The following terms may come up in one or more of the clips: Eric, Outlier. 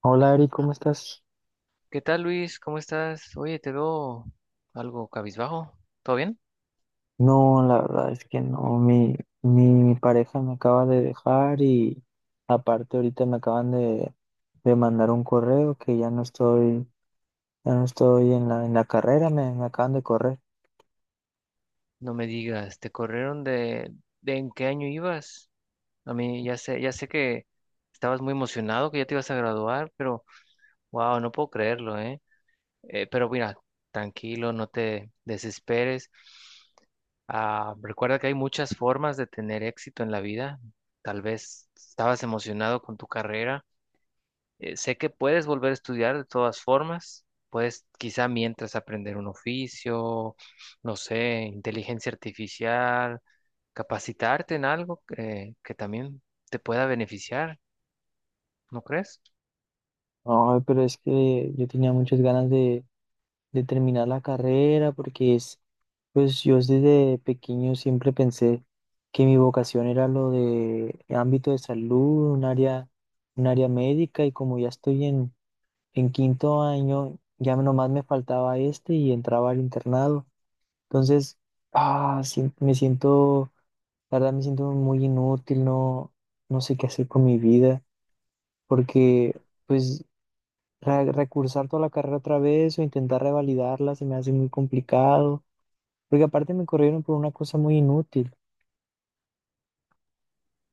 Hola Ari, ¿cómo estás? ¿Qué tal, Luis? ¿Cómo estás? Oye, te veo algo cabizbajo. ¿Todo bien? No, la verdad es que no, mi pareja me acaba de dejar y aparte ahorita me acaban de mandar un correo que ya no estoy en en la carrera, me acaban de correr. No me digas, ¿te corrieron de en qué año ibas? A mí ya sé que estabas muy emocionado, que ya te ibas a graduar, pero wow, no puedo creerlo, ¿eh? Pero mira, tranquilo, no te desesperes. Recuerda que hay muchas formas de tener éxito en la vida. Tal vez estabas emocionado con tu carrera. Sé que puedes volver a estudiar de todas formas, puedes quizá mientras aprender un oficio, no sé, inteligencia artificial, capacitarte en algo que también te pueda beneficiar, ¿no crees? No, pero es que yo tenía muchas ganas de terminar la carrera porque es, pues yo desde pequeño siempre pensé que mi vocación era lo de ámbito de salud, un área médica y como ya estoy en quinto año ya nomás me faltaba este y entraba al internado. Entonces, me siento, la verdad me siento muy inútil, no, no sé qué hacer con mi vida, porque pues recursar toda la carrera otra vez o intentar revalidarla se me hace muy complicado, porque aparte me corrieron por una cosa muy inútil.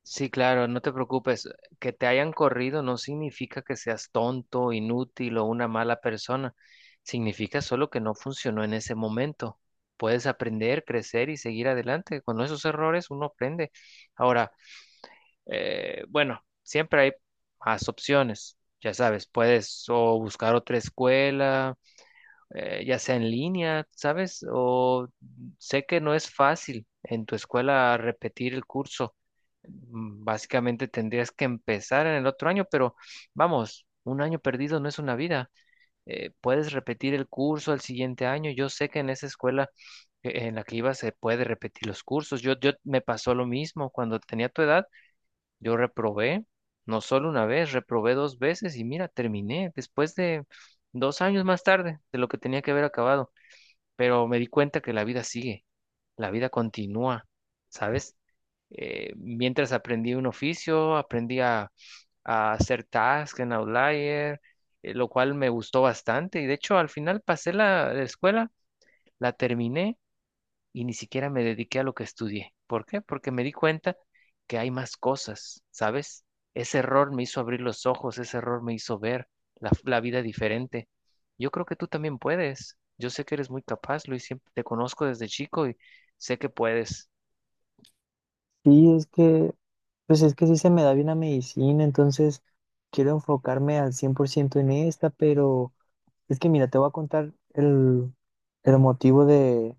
Sí, claro, no te preocupes, que te hayan corrido no significa que seas tonto, inútil o una mala persona, significa solo que no funcionó en ese momento. Puedes aprender, crecer y seguir adelante. Con esos errores uno aprende. Ahora, bueno, siempre hay más opciones. Ya sabes, puedes o buscar otra escuela, ya sea en línea, ¿sabes? O sé que no es fácil en tu escuela repetir el curso. Básicamente tendrías que empezar en el otro año, pero vamos, un año perdido no es una vida. Puedes repetir el curso el siguiente año. Yo sé que en esa escuela en la que iba se puede repetir los cursos. Yo me pasó lo mismo cuando tenía tu edad. Yo reprobé, no solo una vez, reprobé dos veces y mira, terminé después de dos años más tarde de lo que tenía que haber acabado. Pero me di cuenta que la vida sigue, la vida continúa, ¿sabes? Mientras aprendí un oficio, aprendí a hacer tasks en Outlier, lo cual me gustó bastante. Y de hecho, al final pasé la escuela, la terminé y ni siquiera me dediqué a lo que estudié. ¿Por qué? Porque me di cuenta que hay más cosas, ¿sabes? Ese error me hizo abrir los ojos, ese error me hizo ver la vida diferente. Yo creo que tú también puedes. Yo sé que eres muy capaz, Luis, siempre te conozco desde chico y sé que puedes. Sí, es que, pues es que sí se me da bien la medicina, entonces quiero enfocarme al 100% en esta, pero... Es que mira, te voy a contar el motivo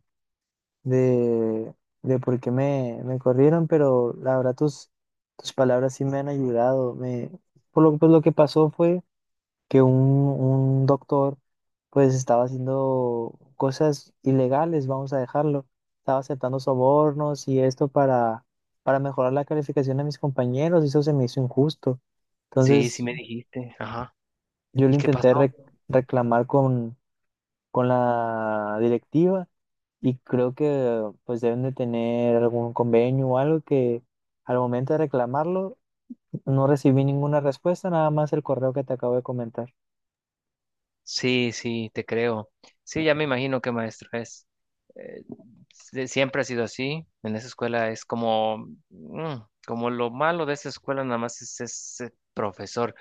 de, de por qué me corrieron, pero la verdad tus palabras sí me han ayudado. Pues lo que pasó fue que un doctor pues estaba haciendo cosas ilegales, vamos a dejarlo. Estaba aceptando sobornos y esto para mejorar la calificación de mis compañeros, y eso se me hizo injusto. Sí, sí Entonces me dijiste. Ajá. yo lo ¿Y qué intenté pasó? Reclamar con la directiva y creo que pues deben de tener algún convenio o algo que al momento de reclamarlo no recibí ninguna respuesta, nada más el correo que te acabo de comentar. Sí, sí, te creo. Sí, ya me imagino qué maestro es. Eh, siempre ha sido así. En esa escuela es como, como lo malo de esa escuela nada más es ese profesor.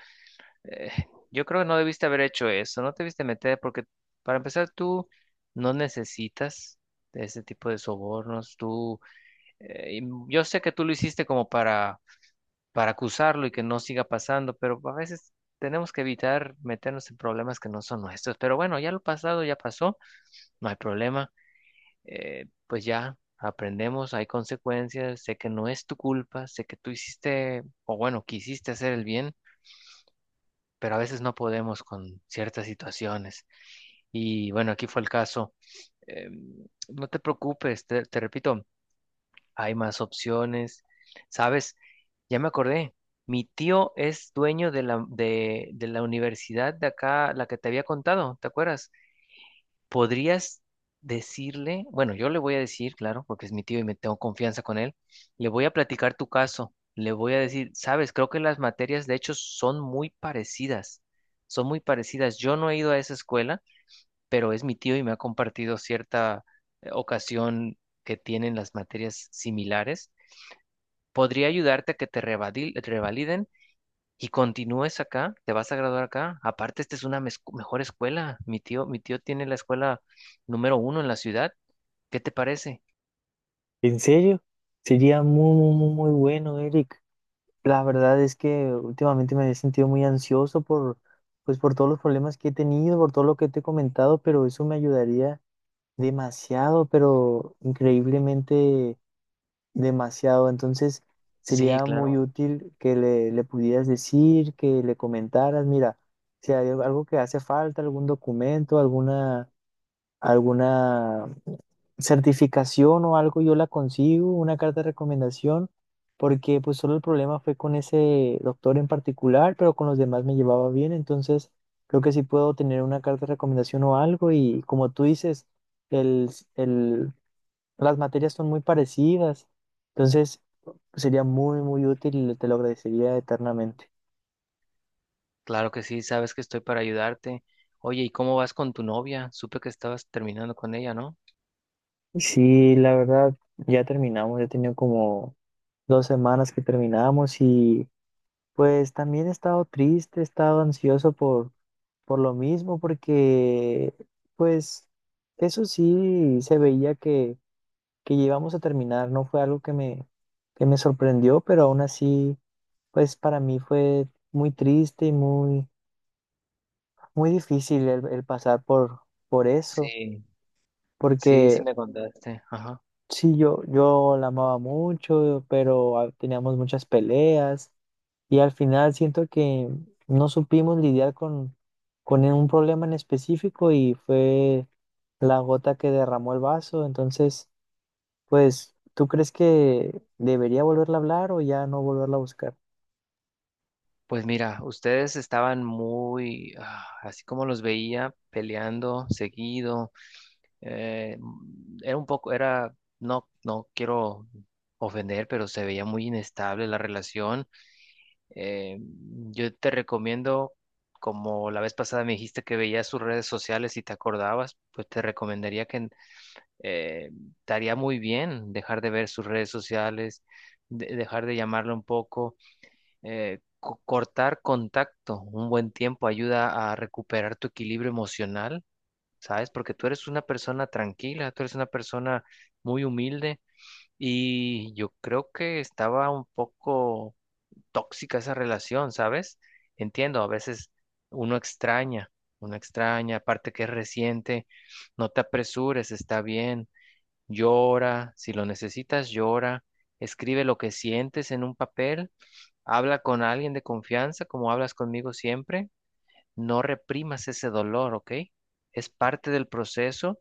Eh, yo creo que no debiste haber hecho eso, no te debiste meter porque para empezar tú no necesitas de ese tipo de sobornos. Y yo sé que tú lo hiciste como para acusarlo y que no siga pasando, pero a veces tenemos que evitar meternos en problemas que no son nuestros. Pero bueno, ya lo pasado ya pasó, no hay problema, pues ya aprendemos, hay consecuencias, sé que no es tu culpa, sé que tú hiciste, o bueno, quisiste hacer el bien, pero a veces no podemos con ciertas situaciones. Y bueno, aquí fue el caso. No te preocupes, te repito, hay más opciones. ¿Sabes? Ya me acordé. Mi tío es dueño de la universidad de acá, la que te había contado, ¿te acuerdas? ¿Podrías decirle? Bueno, yo le voy a decir, claro, porque es mi tío y me tengo confianza con él. Le voy a platicar tu caso. Le voy a decir, sabes, creo que las materias de hecho son muy parecidas. Son muy parecidas. Yo no he ido a esa escuela, pero es mi tío y me ha compartido cierta ocasión que tienen las materias similares, podría ayudarte a que te revaliden y continúes acá, te vas a graduar acá. Aparte, esta es una mejor escuela. Mi tío tiene la escuela número uno en la ciudad. ¿Qué te parece? ¿En serio? Sería muy, muy, muy bueno, Eric. La verdad es que últimamente me he sentido muy ansioso por, pues, por todos los problemas que he tenido, por todo lo que te he comentado, pero eso me ayudaría demasiado, pero increíblemente demasiado. Entonces, Sí, sería muy claro, útil que le pudieras decir, que le comentaras, mira, si hay algo que hace falta, algún documento, alguna certificación o algo, yo la consigo, una carta de recomendación, porque pues solo el problema fue con ese doctor en particular, pero con los demás me llevaba bien, entonces creo que sí puedo tener una carta de recomendación o algo y como tú dices, el, el las materias son muy parecidas, entonces sería muy, muy útil y te lo agradecería eternamente. claro que sí, sabes que estoy para ayudarte. Oye, ¿y cómo vas con tu novia? Supe que estabas terminando con ella, ¿no? Sí, la verdad, ya terminamos, ya he tenido como dos semanas que terminamos y pues también he estado triste, he estado ansioso por lo mismo, porque pues eso sí se veía que íbamos a terminar, no fue algo que me sorprendió, pero aún así, pues para mí fue muy triste y muy muy difícil el pasar por eso, Sí, sí, sí porque me contaste. Ajá. sí, yo la amaba mucho, pero teníamos muchas peleas y al final siento que no supimos lidiar con un problema en específico y fue la gota que derramó el vaso. Entonces, pues, ¿tú crees que debería volverla a hablar o ya no volverla a buscar? Pues mira, ustedes estaban muy, así como los veía, peleando seguido. Era un poco, no, no quiero ofender, pero se veía muy inestable la relación. Eh, yo te recomiendo, como la vez pasada me dijiste que veías sus redes sociales y te acordabas, pues te recomendaría que eh, te haría muy bien dejar de ver sus redes sociales, dejar de llamarle un poco, cortar contacto un buen tiempo ayuda a recuperar tu equilibrio emocional, ¿sabes? Porque tú eres una persona tranquila, tú eres una persona muy humilde y yo creo que estaba un poco tóxica esa relación, ¿sabes? Entiendo, a veces uno extraña, uno extraña, aparte que es reciente, no te apresures, está bien, llora, si lo necesitas, llora. Escribe lo que sientes en un papel, habla con alguien de confianza, como hablas conmigo siempre, no reprimas ese dolor, ¿ok? Es parte del proceso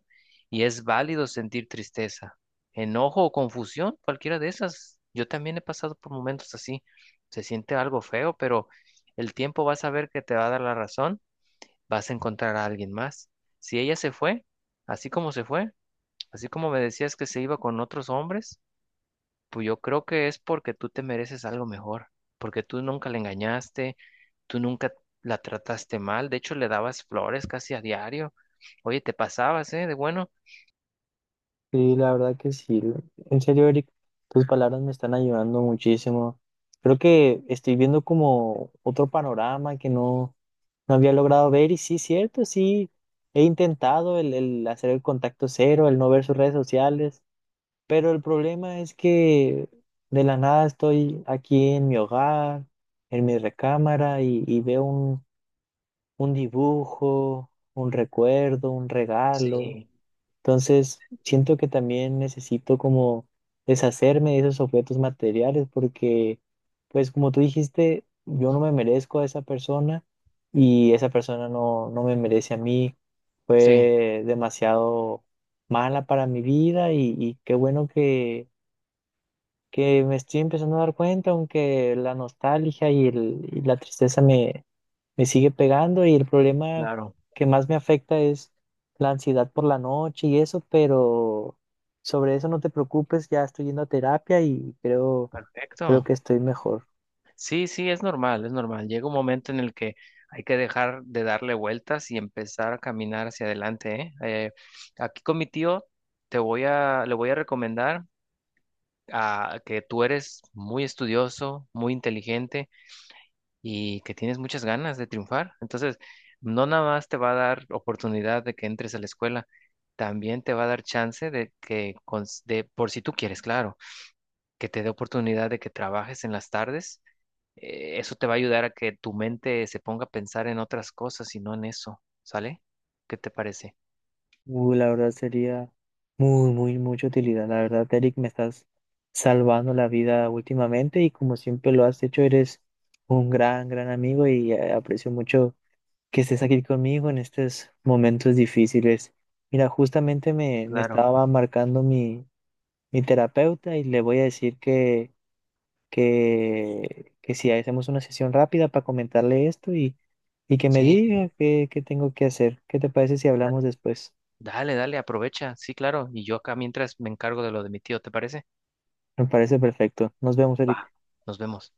y es válido sentir tristeza, enojo o confusión, cualquiera de esas. Yo también he pasado por momentos así. Se siente algo feo, pero el tiempo vas a ver que te va a dar la razón, vas a encontrar a alguien más. Si ella se fue, así como se fue, así como me decías que se iba con otros hombres, pues yo creo que es porque tú te mereces algo mejor, porque tú nunca le engañaste. Tú nunca la trataste mal, de hecho le dabas flores casi a diario. Oye, te pasabas, ¿eh? De bueno. Sí, la verdad que sí. En serio, Eric, tus palabras me están ayudando muchísimo. Creo que estoy viendo como otro panorama que no, no había logrado ver y sí, cierto, sí, he intentado el hacer el contacto cero, el no ver sus redes sociales, pero el problema es que de la nada estoy aquí en mi hogar, en mi recámara y veo un dibujo, un recuerdo, un regalo. Sí, Entonces, siento que también necesito como deshacerme de esos objetos materiales porque, pues como tú dijiste, yo no me merezco a esa persona y esa persona no, no me merece a mí. sí, Fue demasiado mala para mi vida y qué bueno que me estoy empezando a dar cuenta, aunque la nostalgia y la tristeza me sigue pegando y el problema claro, que más me afecta es la ansiedad por la noche y eso, pero sobre eso no te preocupes, ya estoy yendo a terapia y creo, creo que perfecto. estoy mejor. Sí, sí, es normal, es normal. Llega un momento en el que hay que dejar de darle vueltas y empezar a caminar hacia adelante, ¿eh? Eh, aquí con mi tío te voy a, le voy a recomendar a, que tú eres muy estudioso, muy inteligente, y que tienes muchas ganas de triunfar. Entonces, no nada más te va a dar oportunidad de que entres a la escuela, también te va a dar chance de que, por si tú quieres, claro, que te dé oportunidad de que trabajes en las tardes. Eso te va a ayudar a que tu mente se ponga a pensar en otras cosas y no en eso, ¿sale? ¿Qué te parece? La verdad sería muy, muy, mucha utilidad. La verdad, Eric, me estás salvando la vida últimamente y como siempre lo has hecho, eres un gran, gran amigo y aprecio mucho que estés aquí conmigo en estos momentos difíciles. Mira, justamente me Claro. estaba marcando mi terapeuta y le voy a decir que si hacemos una sesión rápida para comentarle esto y que me Sí, diga qué tengo que hacer. ¿Qué te parece si da- hablamos después? dale, dale, aprovecha. Sí, claro. Y yo acá mientras me encargo de lo de mi tío, ¿te parece? Me parece perfecto. Nos vemos, Va. Eric. Nos vemos.